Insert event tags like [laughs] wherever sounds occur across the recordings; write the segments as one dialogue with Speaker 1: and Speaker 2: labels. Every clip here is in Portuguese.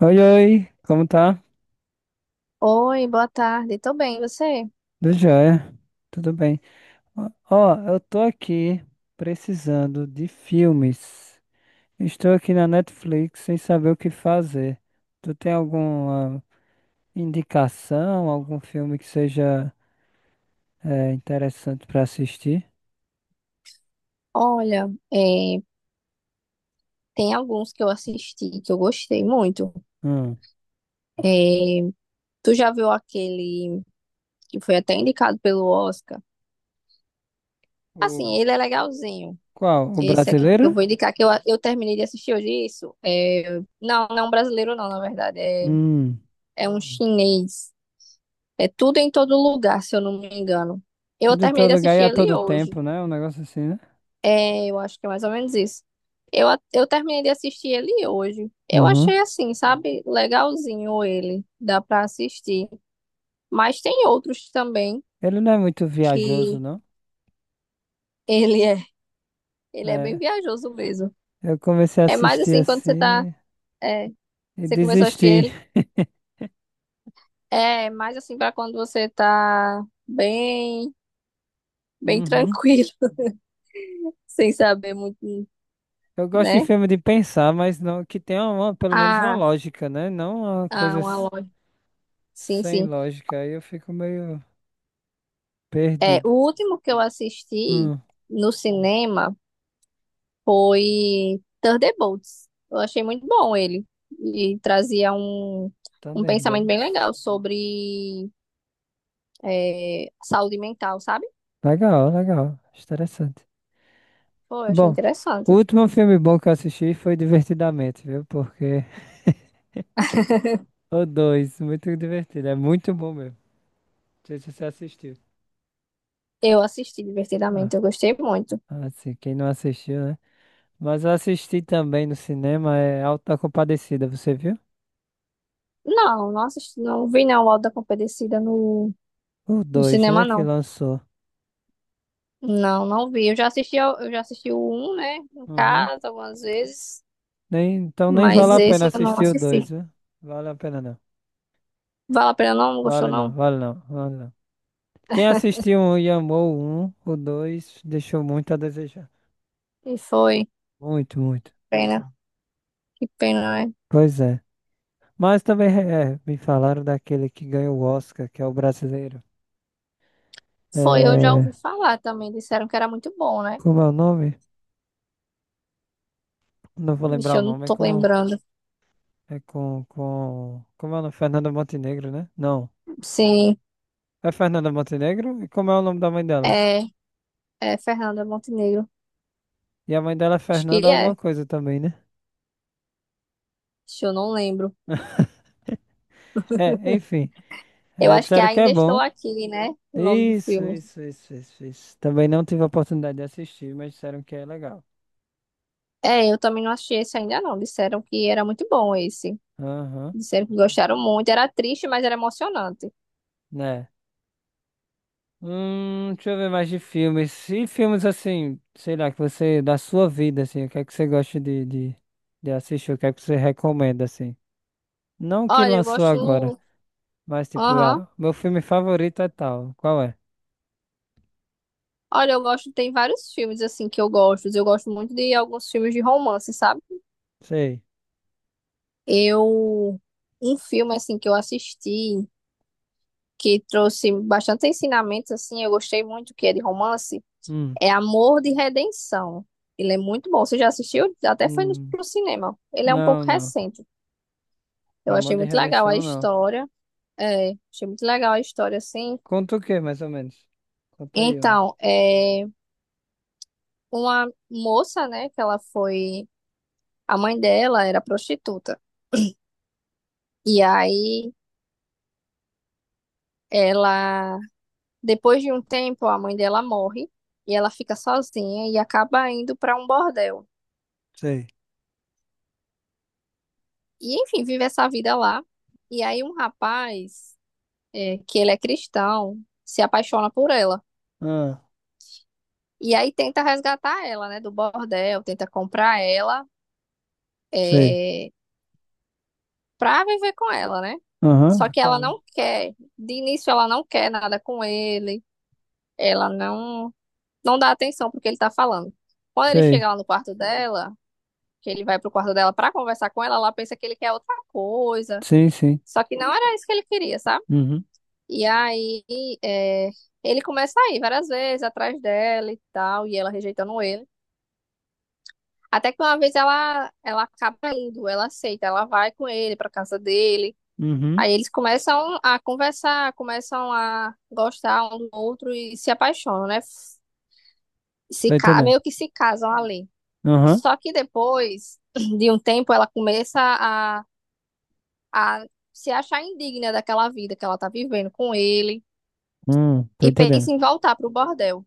Speaker 1: Oi, oi, como tá?
Speaker 2: Oi, boa tarde. Tô bem, e você?
Speaker 1: Do joia, tudo bem. Ó, ó, eu tô aqui precisando de filmes. Estou aqui na Netflix sem saber o que fazer. Tu tem alguma indicação, algum filme que seja interessante pra assistir?
Speaker 2: Olha, tem alguns que eu assisti que eu gostei muito.
Speaker 1: Hum.
Speaker 2: Tu já viu aquele que foi até indicado pelo Oscar?
Speaker 1: O,
Speaker 2: Assim, ele é legalzinho.
Speaker 1: qual? O
Speaker 2: Esse aqui que
Speaker 1: brasileiro?
Speaker 2: eu vou indicar, que eu terminei de assistir hoje isso. É, não, não é um brasileiro não, na verdade.
Speaker 1: Hum.
Speaker 2: É um chinês. É tudo em todo lugar, se eu não me engano. Eu
Speaker 1: Tudo em
Speaker 2: terminei
Speaker 1: todo
Speaker 2: de
Speaker 1: lugar e
Speaker 2: assistir
Speaker 1: a
Speaker 2: ele
Speaker 1: todo
Speaker 2: hoje.
Speaker 1: tempo, né? Um negócio assim, né?
Speaker 2: É, eu acho que é mais ou menos isso. Eu terminei de assistir ele hoje. Eu
Speaker 1: Uhum.
Speaker 2: achei assim, sabe, legalzinho ele, dá pra assistir. Mas tem outros também
Speaker 1: Ele não é muito viajoso,
Speaker 2: que
Speaker 1: não?
Speaker 2: ele é, ele é bem
Speaker 1: É,
Speaker 2: viajoso mesmo.
Speaker 1: eu comecei a
Speaker 2: É mais
Speaker 1: assistir
Speaker 2: assim quando
Speaker 1: assim.
Speaker 2: é,
Speaker 1: E
Speaker 2: você começou a assistir ele,
Speaker 1: desistir.
Speaker 2: é mais assim pra quando você tá bem
Speaker 1: Uhum.
Speaker 2: tranquilo, [laughs] sem saber muito,
Speaker 1: Eu gosto de
Speaker 2: né?
Speaker 1: filme de pensar, mas não que tenha uma, pelo menos uma
Speaker 2: Ah,
Speaker 1: lógica, né? Não uma coisa
Speaker 2: uma loja. Sim,
Speaker 1: sem
Speaker 2: sim.
Speaker 1: lógica. Aí eu fico meio
Speaker 2: É,
Speaker 1: perdido.
Speaker 2: o último que eu assisti
Speaker 1: Hum,
Speaker 2: no cinema foi Thunderbolts. Eu achei muito bom ele. E trazia um pensamento bem
Speaker 1: Thunderbolts.
Speaker 2: legal sobre saúde mental, sabe?
Speaker 1: Legal, legal. Interessante.
Speaker 2: Pô, eu
Speaker 1: Tá
Speaker 2: achei
Speaker 1: bom, o
Speaker 2: interessante.
Speaker 1: último filme bom que eu assisti foi Divertidamente, viu? Porque [laughs] o dois, muito divertido. É muito bom mesmo. Não sei se você assistiu.
Speaker 2: Eu assisti
Speaker 1: Ah,
Speaker 2: divertidamente, eu gostei muito.
Speaker 1: assim, quem não assistiu, né? Mas eu assisti também no cinema, é Auto da Compadecida, você viu?
Speaker 2: Não, não assisti, não vi não o Auto da Compadecida
Speaker 1: O
Speaker 2: no
Speaker 1: 2
Speaker 2: cinema,
Speaker 1: né? Que
Speaker 2: não.
Speaker 1: lançou.
Speaker 2: Não, não vi. Eu já assisti o um né? No
Speaker 1: Uhum.
Speaker 2: caso, algumas vezes.
Speaker 1: Nem, então nem vale
Speaker 2: Mas
Speaker 1: a pena
Speaker 2: esse eu não
Speaker 1: assistir o 2
Speaker 2: assisti.
Speaker 1: viu? Vale a pena não.
Speaker 2: Vale a pena não? Não gostou
Speaker 1: Vale não,
Speaker 2: não?
Speaker 1: vale não, vale não. Quem assistiu um e amou o 1, o 2 deixou muito a desejar.
Speaker 2: E foi.
Speaker 1: Muito, muito.
Speaker 2: Pena. Que pena, né?
Speaker 1: Pois é. Mas também me falaram daquele que ganhou o Oscar, que é o brasileiro.
Speaker 2: Foi, eu já ouvi
Speaker 1: É,
Speaker 2: falar também, disseram que era muito bom, né?
Speaker 1: como é o nome? Não vou
Speaker 2: Vixe,
Speaker 1: lembrar o
Speaker 2: eu não
Speaker 1: nome. É
Speaker 2: tô
Speaker 1: com.
Speaker 2: lembrando.
Speaker 1: É com. Com como é o nome? Fernanda Montenegro, né? Não.
Speaker 2: Sim,
Speaker 1: É Fernanda Montenegro? E como é o nome da mãe dela?
Speaker 2: é, é Fernanda Montenegro.
Speaker 1: E a mãe dela é
Speaker 2: Acho
Speaker 1: Fernanda
Speaker 2: que
Speaker 1: alguma
Speaker 2: é,
Speaker 1: coisa também, né?
Speaker 2: Vixe, eu não lembro.
Speaker 1: É, enfim.
Speaker 2: Eu
Speaker 1: É,
Speaker 2: acho que é
Speaker 1: disseram que é
Speaker 2: ainda estou
Speaker 1: bom.
Speaker 2: aqui, né? O nome do
Speaker 1: Isso,
Speaker 2: filme.
Speaker 1: isso, isso, isso, isso. Também não tive a oportunidade de assistir, mas disseram que é legal.
Speaker 2: É, eu também não achei esse ainda não. Disseram que era muito bom esse.
Speaker 1: Aham,
Speaker 2: Disseram que gostaram muito. Era triste, mas era emocionante.
Speaker 1: né? Deixa eu ver mais de filmes. E filmes assim, sei lá, que você, da sua vida, assim, o que é que você gosta de assistir, o que é que você recomenda, assim. Não o que
Speaker 2: Olha, eu
Speaker 1: lançou agora,
Speaker 2: gosto.
Speaker 1: mas tipo,
Speaker 2: Aham.
Speaker 1: ah, meu filme favorito é tal. Qual é?
Speaker 2: Olha, eu gosto. Tem vários filmes assim que eu gosto. Eu gosto muito de alguns filmes de romance, sabe?
Speaker 1: Sei.
Speaker 2: Eu. Um filme assim que eu assisti, que trouxe bastante ensinamentos, assim, eu gostei muito, que é de romance,
Speaker 1: Hum,
Speaker 2: é Amor de Redenção. Ele é muito bom. Você já assistiu? Até foi no,
Speaker 1: hum.
Speaker 2: pro cinema. Ele é um pouco
Speaker 1: Não, não.
Speaker 2: recente. Eu
Speaker 1: Amor
Speaker 2: achei
Speaker 1: de
Speaker 2: muito legal a
Speaker 1: Redenção, não.
Speaker 2: história. É, achei muito legal a história, assim.
Speaker 1: Conta o quê, mais ou menos? Conta aí, um.
Speaker 2: Então, é uma moça, né, que ela foi. A mãe dela era prostituta. E aí, ela. Depois de um tempo, a mãe dela morre. E ela fica sozinha e acaba indo para um bordel.
Speaker 1: Sei.
Speaker 2: E enfim, vive essa vida lá. E aí um rapaz, que ele é cristão, se apaixona por ela.
Speaker 1: Ah,
Speaker 2: E aí tenta resgatar ela, né, do bordel, tenta comprar ela,
Speaker 1: sei.
Speaker 2: é, pra viver com ela, né?
Speaker 1: Aham,
Speaker 2: Só
Speaker 1: por
Speaker 2: que ela
Speaker 1: causa.
Speaker 2: não quer. De início ela não quer nada com ele. Ela não não dá atenção pro que ele tá falando. Quando ele
Speaker 1: Sei.
Speaker 2: chega lá no quarto dela, que ele vai pro quarto dela pra conversar com ela, ela pensa que ele quer outra coisa.
Speaker 1: Sim, sim.
Speaker 2: Só que não era isso que ele queria, sabe?
Speaker 1: Uhum,
Speaker 2: E aí, é, ele começa a ir várias vezes atrás dela e tal, e ela rejeitando ele. Até que uma vez ela acaba indo, ela aceita, ela vai com ele pra casa dele.
Speaker 1: uhum.
Speaker 2: Aí eles começam a conversar, começam a gostar um do outro e se apaixonam, né? Se,
Speaker 1: Tô
Speaker 2: ca-
Speaker 1: entendendo.
Speaker 2: Meio que se casam ali.
Speaker 1: Aham,
Speaker 2: Só que depois [clears throat] de um tempo ela começa a, a se achar indigna daquela vida que ela tá vivendo com ele
Speaker 1: tô
Speaker 2: e
Speaker 1: entendendo.
Speaker 2: pensa em voltar pro bordel.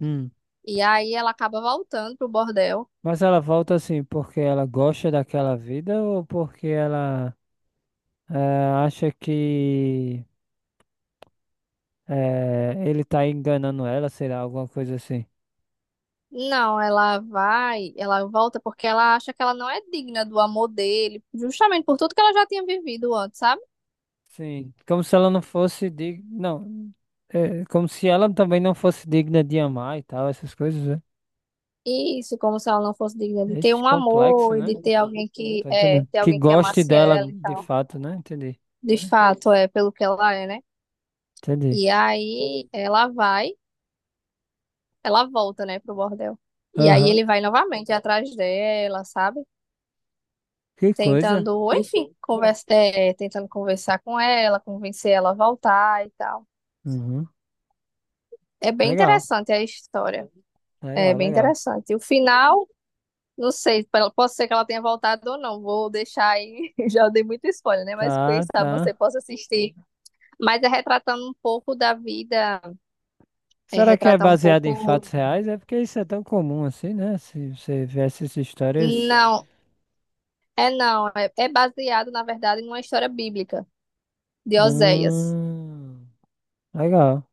Speaker 1: Hum.
Speaker 2: E aí ela acaba voltando pro bordel.
Speaker 1: Mas ela volta assim porque ela gosta daquela vida ou porque ela acha que ele tá enganando ela, sei lá, alguma coisa assim.
Speaker 2: Não, ela vai, ela volta porque ela acha que ela não é digna do amor dele, justamente por tudo que ela já tinha vivido antes, sabe?
Speaker 1: Sim, como se ela não fosse digna. Não, é como se ela também não fosse digna de amar e tal, essas coisas, né?
Speaker 2: Isso, como se ela não fosse digna de ter
Speaker 1: Ixi,
Speaker 2: um
Speaker 1: complexo,
Speaker 2: amor e
Speaker 1: né?
Speaker 2: de ter alguém que
Speaker 1: Tô
Speaker 2: é,
Speaker 1: entendendo.
Speaker 2: ter
Speaker 1: Que
Speaker 2: alguém que
Speaker 1: goste
Speaker 2: amasse
Speaker 1: dela
Speaker 2: ela e
Speaker 1: de
Speaker 2: tal.
Speaker 1: fato, né? Entendi.
Speaker 2: De fato, é pelo que ela é, né?
Speaker 1: Entendi.
Speaker 2: E aí ela volta, né, pro bordel. E aí
Speaker 1: Aham.
Speaker 2: ele vai novamente atrás dela, sabe?
Speaker 1: Que coisa.
Speaker 2: Tentando, enfim, tentando conversar com ela, convencer ela a voltar e tal.
Speaker 1: Uhum.
Speaker 2: É bem
Speaker 1: Legal,
Speaker 2: interessante a história. É
Speaker 1: legal,
Speaker 2: bem
Speaker 1: legal.
Speaker 2: interessante. O final, não sei, pelo- pode ser que ela tenha voltado ou não. Vou deixar aí, [laughs] já dei muito spoiler, né? Mas quem
Speaker 1: Tá,
Speaker 2: sabe você
Speaker 1: tá.
Speaker 2: possa assistir. Mas é retratando um pouco da vida, é
Speaker 1: Será que é
Speaker 2: retratar um
Speaker 1: baseado em
Speaker 2: pouco.
Speaker 1: fatos reais? É porque isso é tão comum assim, né? Se você vê essas histórias.
Speaker 2: Não, é não. É, é baseado, na verdade, numa história bíblica de Oséias.
Speaker 1: Hum, legal.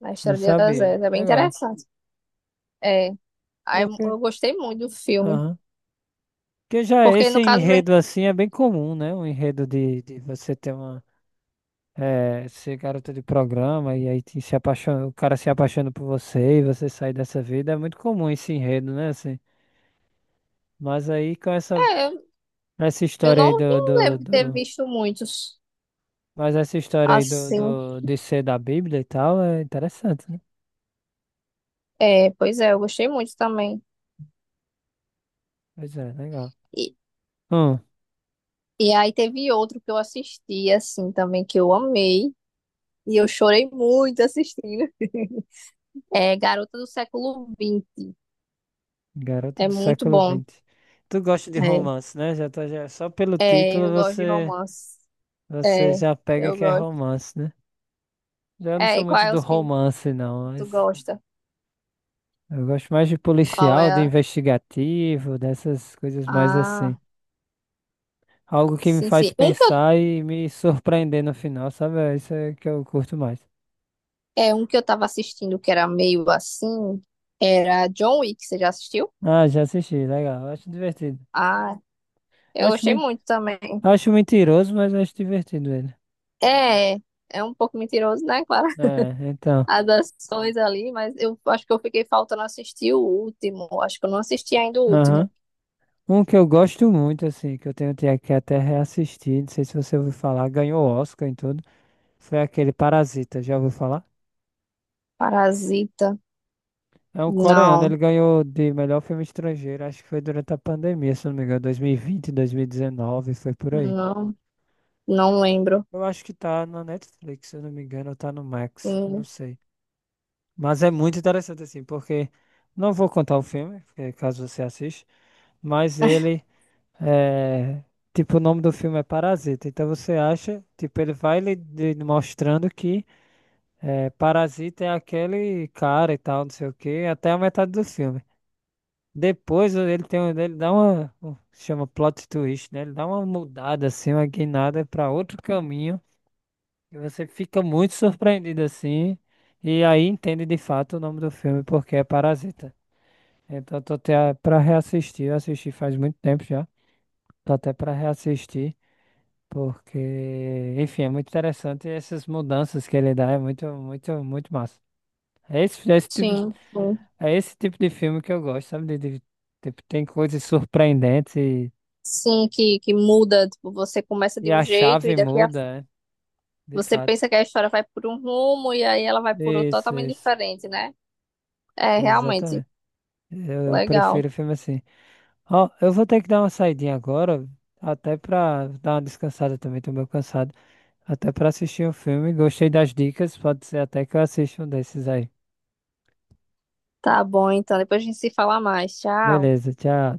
Speaker 2: Na
Speaker 1: Não
Speaker 2: história de
Speaker 1: sabia.
Speaker 2: Oséias. É bem
Speaker 1: Legal.
Speaker 2: interessante. É. Aí
Speaker 1: Porque.
Speaker 2: eu gostei muito do filme.
Speaker 1: Aham. Porque já
Speaker 2: Porque,
Speaker 1: esse
Speaker 2: no caso, vem-
Speaker 1: enredo assim é bem comum, né? Um enredo de você ter uma. É, ser garota de programa e aí se apaixona, o cara se apaixona por você e você sai dessa vida. É muito comum esse enredo, né? Assim. Mas aí com essa,
Speaker 2: é,
Speaker 1: essa
Speaker 2: Eu
Speaker 1: história aí
Speaker 2: não vi-
Speaker 1: do,
Speaker 2: não
Speaker 1: do,
Speaker 2: lembro de ter
Speaker 1: do-
Speaker 2: visto muitos
Speaker 1: Mas essa história aí
Speaker 2: assim.
Speaker 1: de ser da Bíblia e tal é interessante, né?
Speaker 2: É, pois é, eu gostei muito também.
Speaker 1: Pois é, legal.
Speaker 2: E,
Speaker 1: Hum,
Speaker 2: e aí teve outro que eu assisti, assim, também, que eu amei. E eu chorei muito assistindo. [laughs] É Garota do Século XX.
Speaker 1: garota
Speaker 2: É
Speaker 1: do
Speaker 2: muito
Speaker 1: século
Speaker 2: bom.
Speaker 1: vinte Tu gosta de
Speaker 2: É,
Speaker 1: romance, né? Já tá, já, só pelo
Speaker 2: É,
Speaker 1: título
Speaker 2: eu gosto de
Speaker 1: você,
Speaker 2: romance.
Speaker 1: você
Speaker 2: É,
Speaker 1: já pega
Speaker 2: eu
Speaker 1: que é
Speaker 2: gosto.
Speaker 1: romance, né? Já não
Speaker 2: É,
Speaker 1: sou
Speaker 2: e qual
Speaker 1: muito
Speaker 2: é
Speaker 1: do
Speaker 2: os que
Speaker 1: romance, não,
Speaker 2: tu
Speaker 1: mas.
Speaker 2: gosta?
Speaker 1: Eu gosto mais de
Speaker 2: Qual
Speaker 1: policial,
Speaker 2: é
Speaker 1: de
Speaker 2: a...
Speaker 1: investigativo, dessas coisas mais assim.
Speaker 2: Ah,
Speaker 1: Algo que me
Speaker 2: sim,
Speaker 1: faz
Speaker 2: sim. Um que
Speaker 1: pensar e me surpreender no final, sabe? É isso é que eu curto mais.
Speaker 2: É um que eu tava assistindo que era meio assim, era John Wick, você já assistiu?
Speaker 1: Ah, já assisti, legal. Acho divertido.
Speaker 2: Ah, eu
Speaker 1: Acho,
Speaker 2: gostei
Speaker 1: men-
Speaker 2: muito também.
Speaker 1: acho mentiroso, mas acho divertido ele.
Speaker 2: É, é um pouco mentiroso, né, [laughs] claro,
Speaker 1: É, então.
Speaker 2: as ações ali, mas eu acho que eu fiquei faltando assistir o último. Acho que eu não assisti ainda o
Speaker 1: Aham.
Speaker 2: último.
Speaker 1: Um que eu gosto muito, assim, que eu que até reassistir, não sei se você ouviu falar, ganhou Oscar em tudo, foi aquele Parasita, já ouviu falar?
Speaker 2: Parasita.
Speaker 1: É um coreano,
Speaker 2: Não,
Speaker 1: ele ganhou de melhor filme estrangeiro, acho que foi durante a pandemia, se não me engano, 2020, 2019, foi por aí.
Speaker 2: não, não lembro.
Speaker 1: Eu acho que tá na Netflix, se eu não me engano, ou tá no Max, eu não
Speaker 2: Hum,
Speaker 1: sei. Mas é muito interessante assim, porque não vou contar o filme, porque caso você assista, mas ele é, tipo, o nome do filme é Parasita. Então você acha, tipo, ele vai lhe mostrando que Parasita é aquele cara e tal, não sei o quê, até a metade do filme. Depois ele tem, ele dá uma, chama plot twist, né? Ele dá uma mudada assim, uma guinada para outro caminho e você fica muito surpreendido assim e aí entende de fato o nome do filme porque é Parasita. Então eu tô até para reassistir, eu assisti faz muito tempo já. Tô até para reassistir porque, enfim, é muito interessante essas mudanças que ele dá, é muito massa. É esse, é esse tipo,
Speaker 2: Sim, sim.
Speaker 1: é esse tipo de filme que eu gosto, sabe? Tipo, tem coisas surpreendentes.
Speaker 2: Sim, que muda, tipo, você começa
Speaker 1: E
Speaker 2: de um
Speaker 1: a
Speaker 2: jeito e
Speaker 1: chave
Speaker 2: daqui a...
Speaker 1: muda, é, de
Speaker 2: Você
Speaker 1: fato.
Speaker 2: pensa que a história vai por um rumo e aí ela vai por outro
Speaker 1: Isso,
Speaker 2: totalmente
Speaker 1: isso.
Speaker 2: diferente, né? É, realmente.
Speaker 1: Exatamente. Eu
Speaker 2: Legal.
Speaker 1: prefiro filme assim. Ó, eu vou ter que dar uma saidinha agora, até pra dar uma descansada também, tô meio cansado. Até pra assistir um filme. Gostei das dicas, pode ser até que eu assista um desses aí.
Speaker 2: Tá bom, então. Depois a gente se fala mais. Tchau.
Speaker 1: Beleza, tchau.